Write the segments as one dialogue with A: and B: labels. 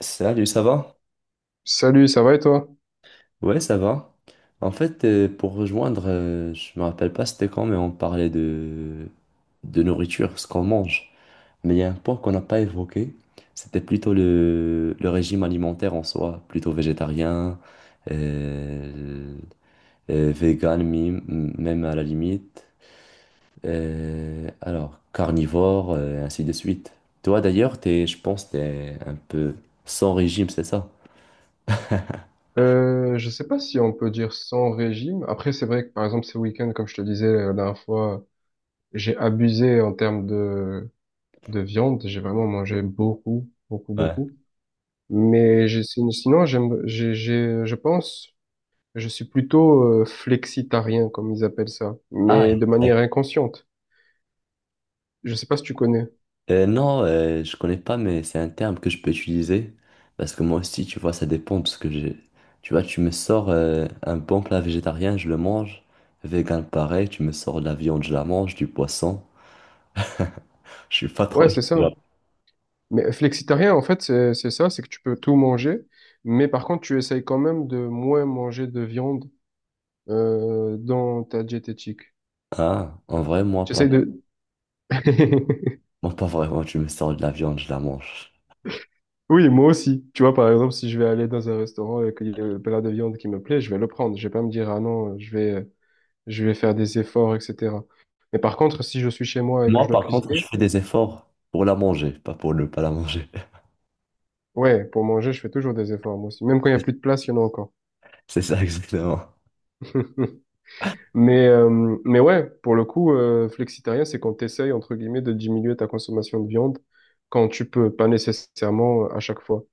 A: Salut, ça va?
B: Salut, ça va et toi?
A: Ouais, ça va. En fait, pour rejoindre, je me rappelle pas c'était quand, mais on parlait de nourriture, ce qu'on mange. Mais il y a un point qu'on n'a pas évoqué, c'était plutôt le régime alimentaire en soi, plutôt végétarien, euh, vegan, même à la limite. Alors, carnivore, ainsi de suite. Toi d'ailleurs, t'es, je pense, t'es un peu sans régime, c'est ça?
B: Je sais pas si on peut dire sans régime. Après, c'est vrai que par exemple, ces week-ends, comme je te disais la dernière fois, j'ai abusé en termes de viande. J'ai vraiment mangé beaucoup, beaucoup,
A: Ouais.
B: beaucoup. Mais sinon, je pense, je suis plutôt flexitarien, comme ils appellent ça,
A: Ah.
B: mais de manière inconsciente. Je sais pas si tu connais.
A: Non, je connais pas, mais c'est un terme que je peux utiliser. Parce que moi aussi, tu vois, ça dépend. Parce que j'ai. Tu vois, tu me sors un bon plat végétarien, je le mange. Vegan, pareil. Tu me sors de la viande, je la mange. Du poisson. Je suis pas trop.
B: Ouais, c'est ça. Mais flexitarien, en fait, c'est ça, c'est que tu peux tout manger, mais par contre, tu essayes quand même de moins manger de viande dans ta diététique.
A: Ah, en vrai, moi pas.
B: J'essaie de...
A: Moi pas vraiment. Tu me sors de la viande, je la mange.
B: Oui, moi aussi. Tu vois, par exemple, si je vais aller dans un restaurant et qu'il y a un plat de viande qui me plaît, je vais le prendre. Je vais pas me dire, ah non, je vais faire des efforts, etc. Mais par contre, si je suis chez moi et que je
A: Moi,
B: dois
A: par contre,
B: cuisiner,
A: je fais des efforts pour la manger, pas pour ne pas la manger.
B: ouais, pour manger, je fais toujours des efforts, moi aussi. Même quand il y a plus de place, il y en a encore.
A: C'est ça, exactement.
B: Mais ouais, pour le coup, flexitarien, c'est quand tu entre guillemets, de diminuer ta consommation de viande quand tu peux, pas nécessairement à chaque fois.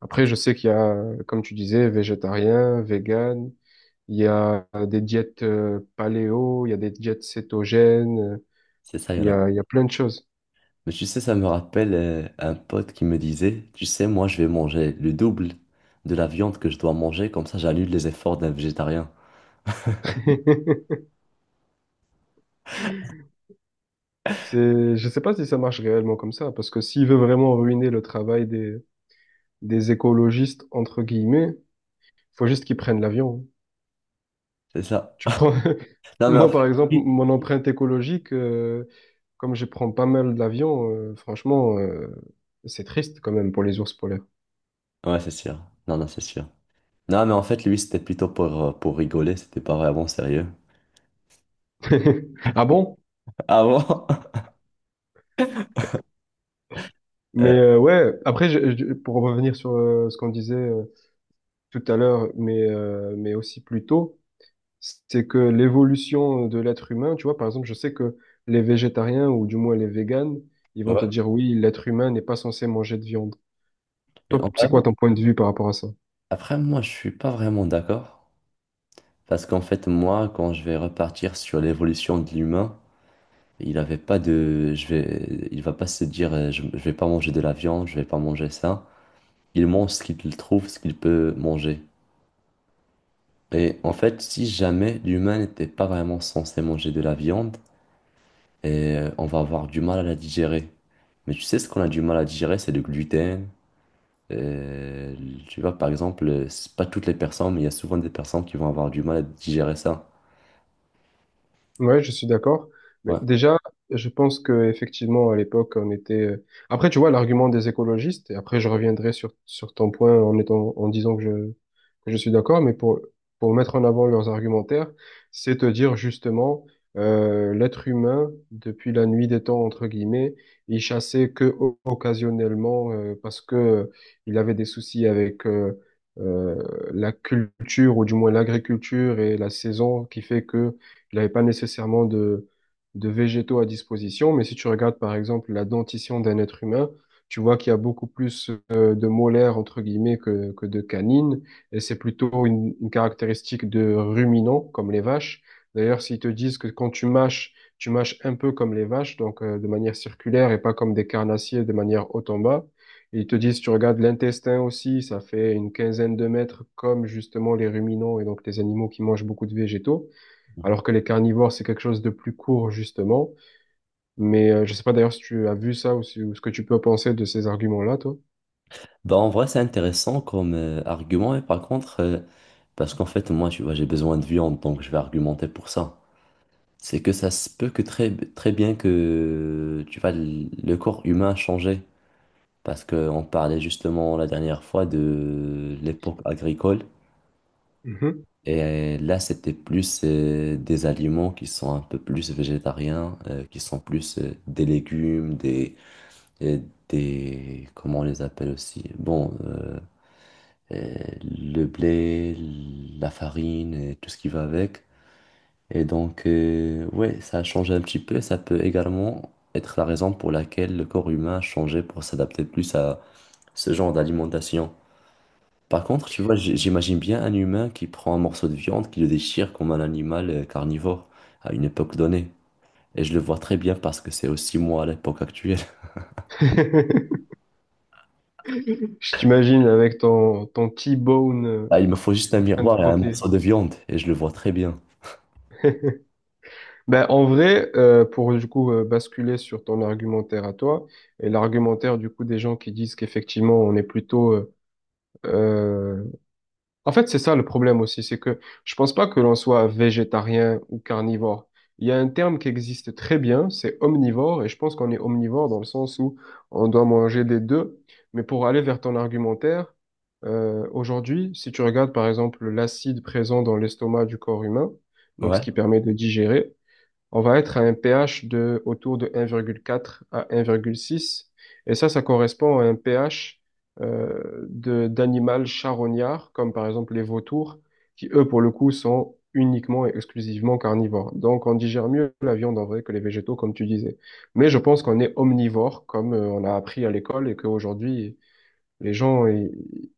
B: Après, je sais qu'il y a, comme tu disais, végétarien, vegan, il y a des diètes paléo, il y a des diètes cétogènes,
A: C'est ça, il y en a.
B: il y a plein de choses.
A: Mais tu sais, ça me rappelle un pote qui me disait, tu sais, moi je vais manger le double de la viande que je dois manger, comme ça j'annule les efforts d'un végétarien.
B: Je sais pas si ça marche réellement comme ça, parce que s'il veut vraiment ruiner le travail des écologistes, entre guillemets, faut juste qu'ils prennent l'avion.
A: C'est ça.
B: Tu prends,
A: Non mais en
B: moi par exemple,
A: fait...
B: mon empreinte écologique, comme je prends pas mal d'avions, franchement, c'est triste quand même pour les ours polaires.
A: Ouais, c'est sûr. Non, non, c'est sûr. Non mais en fait, lui, c'était plutôt pour rigoler, c'était pas vraiment sérieux.
B: Ah bon?
A: Ah bon?
B: Mais
A: Euh,
B: ouais, après, pour revenir sur ce qu'on disait tout à l'heure, mais aussi plus tôt, c'est que l'évolution de l'être humain, tu vois, par exemple, je sais que les végétariens, ou du moins les véganes, ils vont te
A: ouais.
B: dire, oui, l'être humain n'est pas censé manger de viande.
A: Et
B: Toi,
A: en vrai,
B: c'est quoi ton point de vue par rapport à ça?
A: après, moi, je suis pas vraiment d'accord. Parce qu'en fait, moi, quand je vais repartir sur l'évolution de l'humain, il avait pas de... Je vais... Il va pas se dire, je vais pas manger de la viande, je vais pas manger ça. Il mange ce qu'il trouve, ce qu'il peut manger. Et en fait, si jamais l'humain n'était pas vraiment censé manger de la viande, et on va avoir du mal à la digérer. Mais tu sais, ce qu'on a du mal à digérer, c'est le gluten. Euh, tu vois, par exemple, c'est pas toutes les personnes, mais il y a souvent des personnes qui vont avoir du mal à digérer ça.
B: Ouais, je suis d'accord. Mais
A: Ouais.
B: déjà, je pense que effectivement à l'époque, on était. Après, tu vois, l'argument des écologistes. Et après, je reviendrai sur ton point en étant en disant que je suis d'accord. Mais pour mettre en avant leurs argumentaires, c'est te dire justement l'être humain depuis la nuit des temps entre guillemets, il chassait que occasionnellement parce que il avait des soucis avec euh, la culture ou du moins l'agriculture et la saison qui fait que il n'avait pas nécessairement de végétaux à disposition, mais si tu regardes par exemple la dentition d'un être humain, tu vois qu'il y a beaucoup plus de molaires entre guillemets que de canines, et c'est plutôt une caractéristique de ruminants comme les vaches. D'ailleurs, s'ils te disent que quand tu mâches un peu comme les vaches, donc de manière circulaire et pas comme des carnassiers de manière haut en bas. Et ils te disent, tu regardes l'intestin aussi, ça fait une quinzaine de mètres comme justement les ruminants et donc les animaux qui mangent beaucoup de végétaux,
A: Mhm.
B: alors que les carnivores, c'est quelque chose de plus court, justement. Mais je sais pas d'ailleurs si tu as vu ça ou, si- ou ce que tu peux penser de ces arguments-là, toi.
A: Bah, en vrai, c'est intéressant comme argument, et par contre, parce qu'en fait, moi, tu vois, j'ai besoin de viande, donc je vais argumenter pour ça. C'est que ça se peut que très, très bien que tu vois, le corps humain a changé. Parce qu'on parlait justement la dernière fois de l'époque agricole.
B: Mhm.
A: Et là, c'était plus des aliments qui sont un peu plus végétariens, qui sont plus des légumes, euh, des... Comment on les appelle aussi? Bon, euh, le blé, la farine et tout ce qui va avec. Et donc, ouais, ça a changé un petit peu. Ça peut également être la raison pour laquelle le corps humain a changé pour s'adapter plus à ce genre d'alimentation. Par contre, tu vois, j'imagine bien un humain qui prend un morceau de viande, qui le déchire comme un animal carnivore à une époque donnée. Et je le vois très bien parce que c'est aussi moi à l'époque actuelle.
B: Je t'imagine avec ton T-bone
A: Ah, il me faut juste un
B: en train de
A: miroir et un
B: croquer.
A: morceau de viande et je le vois très bien.
B: Ben, en vrai, pour du coup basculer sur ton argumentaire à toi, et l'argumentaire du coup des gens qui disent qu'effectivement on est plutôt euh, en fait, c'est ça le problème aussi, c'est que je pense pas que l'on soit végétarien ou carnivore. Il y a un terme qui existe très bien, c'est omnivore, et je pense qu'on est omnivore dans le sens où on doit manger des deux. Mais pour aller vers ton argumentaire, aujourd'hui, si tu regardes par exemple l'acide présent dans l'estomac du corps humain, donc ce
A: Ouais,
B: qui permet de digérer, on va être à un pH de autour de 1,4 à 1,6. Et ça correspond à un pH de d'animal charognard, comme par exemple les vautours, qui eux, pour le coup, sont uniquement et exclusivement carnivores. Donc, on digère mieux la viande en vrai que les végétaux, comme tu disais. Mais je pense qu'on est omnivore, comme on a appris à l'école, et qu'aujourd'hui, les gens, ils,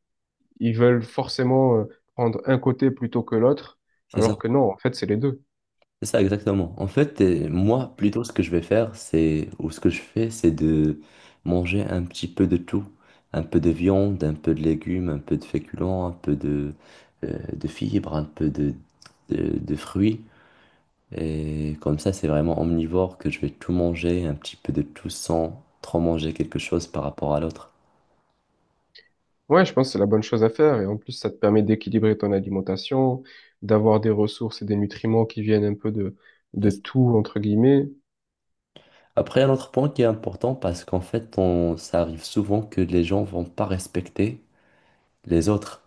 B: ils veulent forcément prendre un côté plutôt que l'autre,
A: c'est ça.
B: alors que non, en fait, c'est les deux.
A: C'est ça, exactement. En fait, moi, plutôt, ce que je vais faire, c'est, ou ce que je fais, c'est de manger un petit peu de tout. Un peu de viande, un peu de légumes, un peu de féculents, un peu de fibres, un peu de fruits. Et comme ça, c'est vraiment omnivore que je vais tout manger, un petit peu de tout sans trop manger quelque chose par rapport à l'autre.
B: Ouais, je pense que c'est la bonne chose à faire. Et en plus, ça te permet d'équilibrer ton alimentation, d'avoir des ressources et des nutriments qui viennent un peu de
A: C'est ça.
B: tout, entre guillemets.
A: Après, un autre point qui est important, parce qu'en fait, on, ça arrive souvent que les gens vont pas respecter les autres.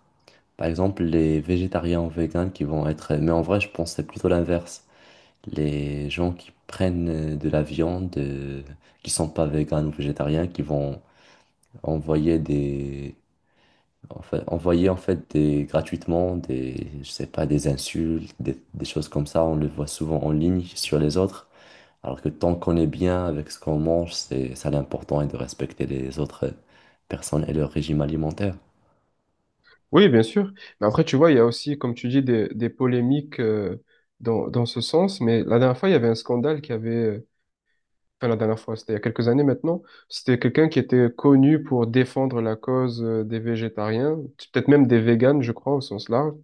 A: Par exemple, les végétariens ou véganes qui vont être... Mais en vrai, je pense que c'est plutôt l'inverse. Les gens qui prennent de la viande, qui sont pas véganes ou végétariens, qui vont envoyer des... Enfin, envoyer en fait des gratuitement des je sais pas des insultes des choses comme ça, on le voit souvent en ligne sur les autres, alors que tant qu'on est bien avec ce qu'on mange, c'est ça l'important, est de respecter les autres personnes et leur régime alimentaire.
B: Oui, bien sûr. Mais après, tu vois, il y a aussi, comme tu dis, des polémiques dans ce sens. Mais la dernière fois, il y avait un scandale enfin, la dernière fois, c'était il y a quelques années maintenant. C'était quelqu'un qui était connu pour défendre la cause des végétariens, peut-être même des véganes, je crois, au sens large.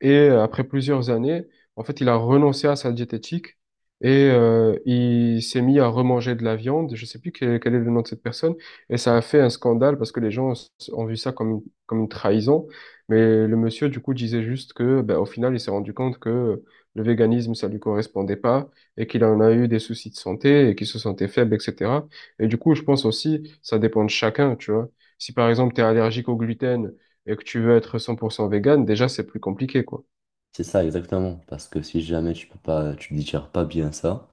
B: Et après plusieurs années, en fait, il a renoncé à sa diététique et il s'est mis à remanger de la viande. Je sais plus quel est le nom de cette personne. Et ça a fait un scandale parce que ont vu ça comme comme une trahison. Mais le monsieur, du coup, disait juste que, ben, au final, il s'est rendu compte que le véganisme, ça lui correspondait pas et qu'il en a eu des soucis de santé et qu'il se sentait faible, etc. Et du coup, je pense aussi, ça dépend de chacun, tu vois. Si par exemple, tu es allergique au gluten, et que tu veux être 100% vegan, déjà, c'est plus compliqué, quoi.
A: C'est ça, exactement. Parce que si jamais tu peux pas, tu digères pas bien ça,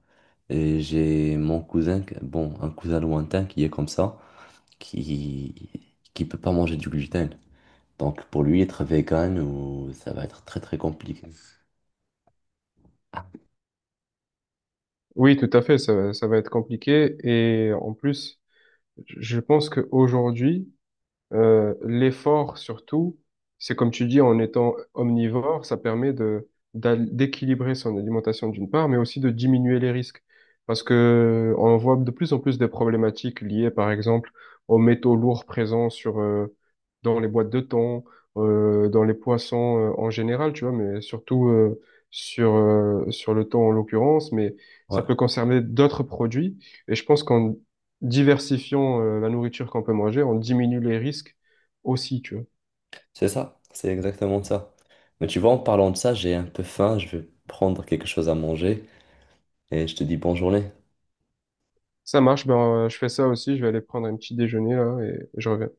A: et j'ai mon cousin, bon, un cousin lointain qui est comme ça, qui peut pas manger du gluten. Donc pour lui, être vegan, ou ça va être très très compliqué.
B: Oui, tout à fait, ça va être compliqué. Et en plus, je pense qu'aujourd'hui, l'effort surtout, c'est comme tu dis, en étant omnivore, ça permet de d'équilibrer son alimentation d'une part, mais aussi de diminuer les risques. Parce que on voit de plus en plus des problématiques liées, par exemple, aux métaux lourds présents sur dans les boîtes de thon, dans les poissons en général, tu vois, mais surtout sur le thon en l'occurrence, mais ça
A: Ouais,
B: peut concerner d'autres produits. Et je pense qu'en diversifions la nourriture qu'on peut manger, on diminue les risques aussi, tu vois.
A: c'est ça, c'est exactement ça. Mais tu vois, en parlant de ça, j'ai un peu faim, je vais prendre quelque chose à manger et je te dis bonne journée.
B: Ça marche, je fais ça aussi, je vais aller prendre un petit déjeuner là et je reviens.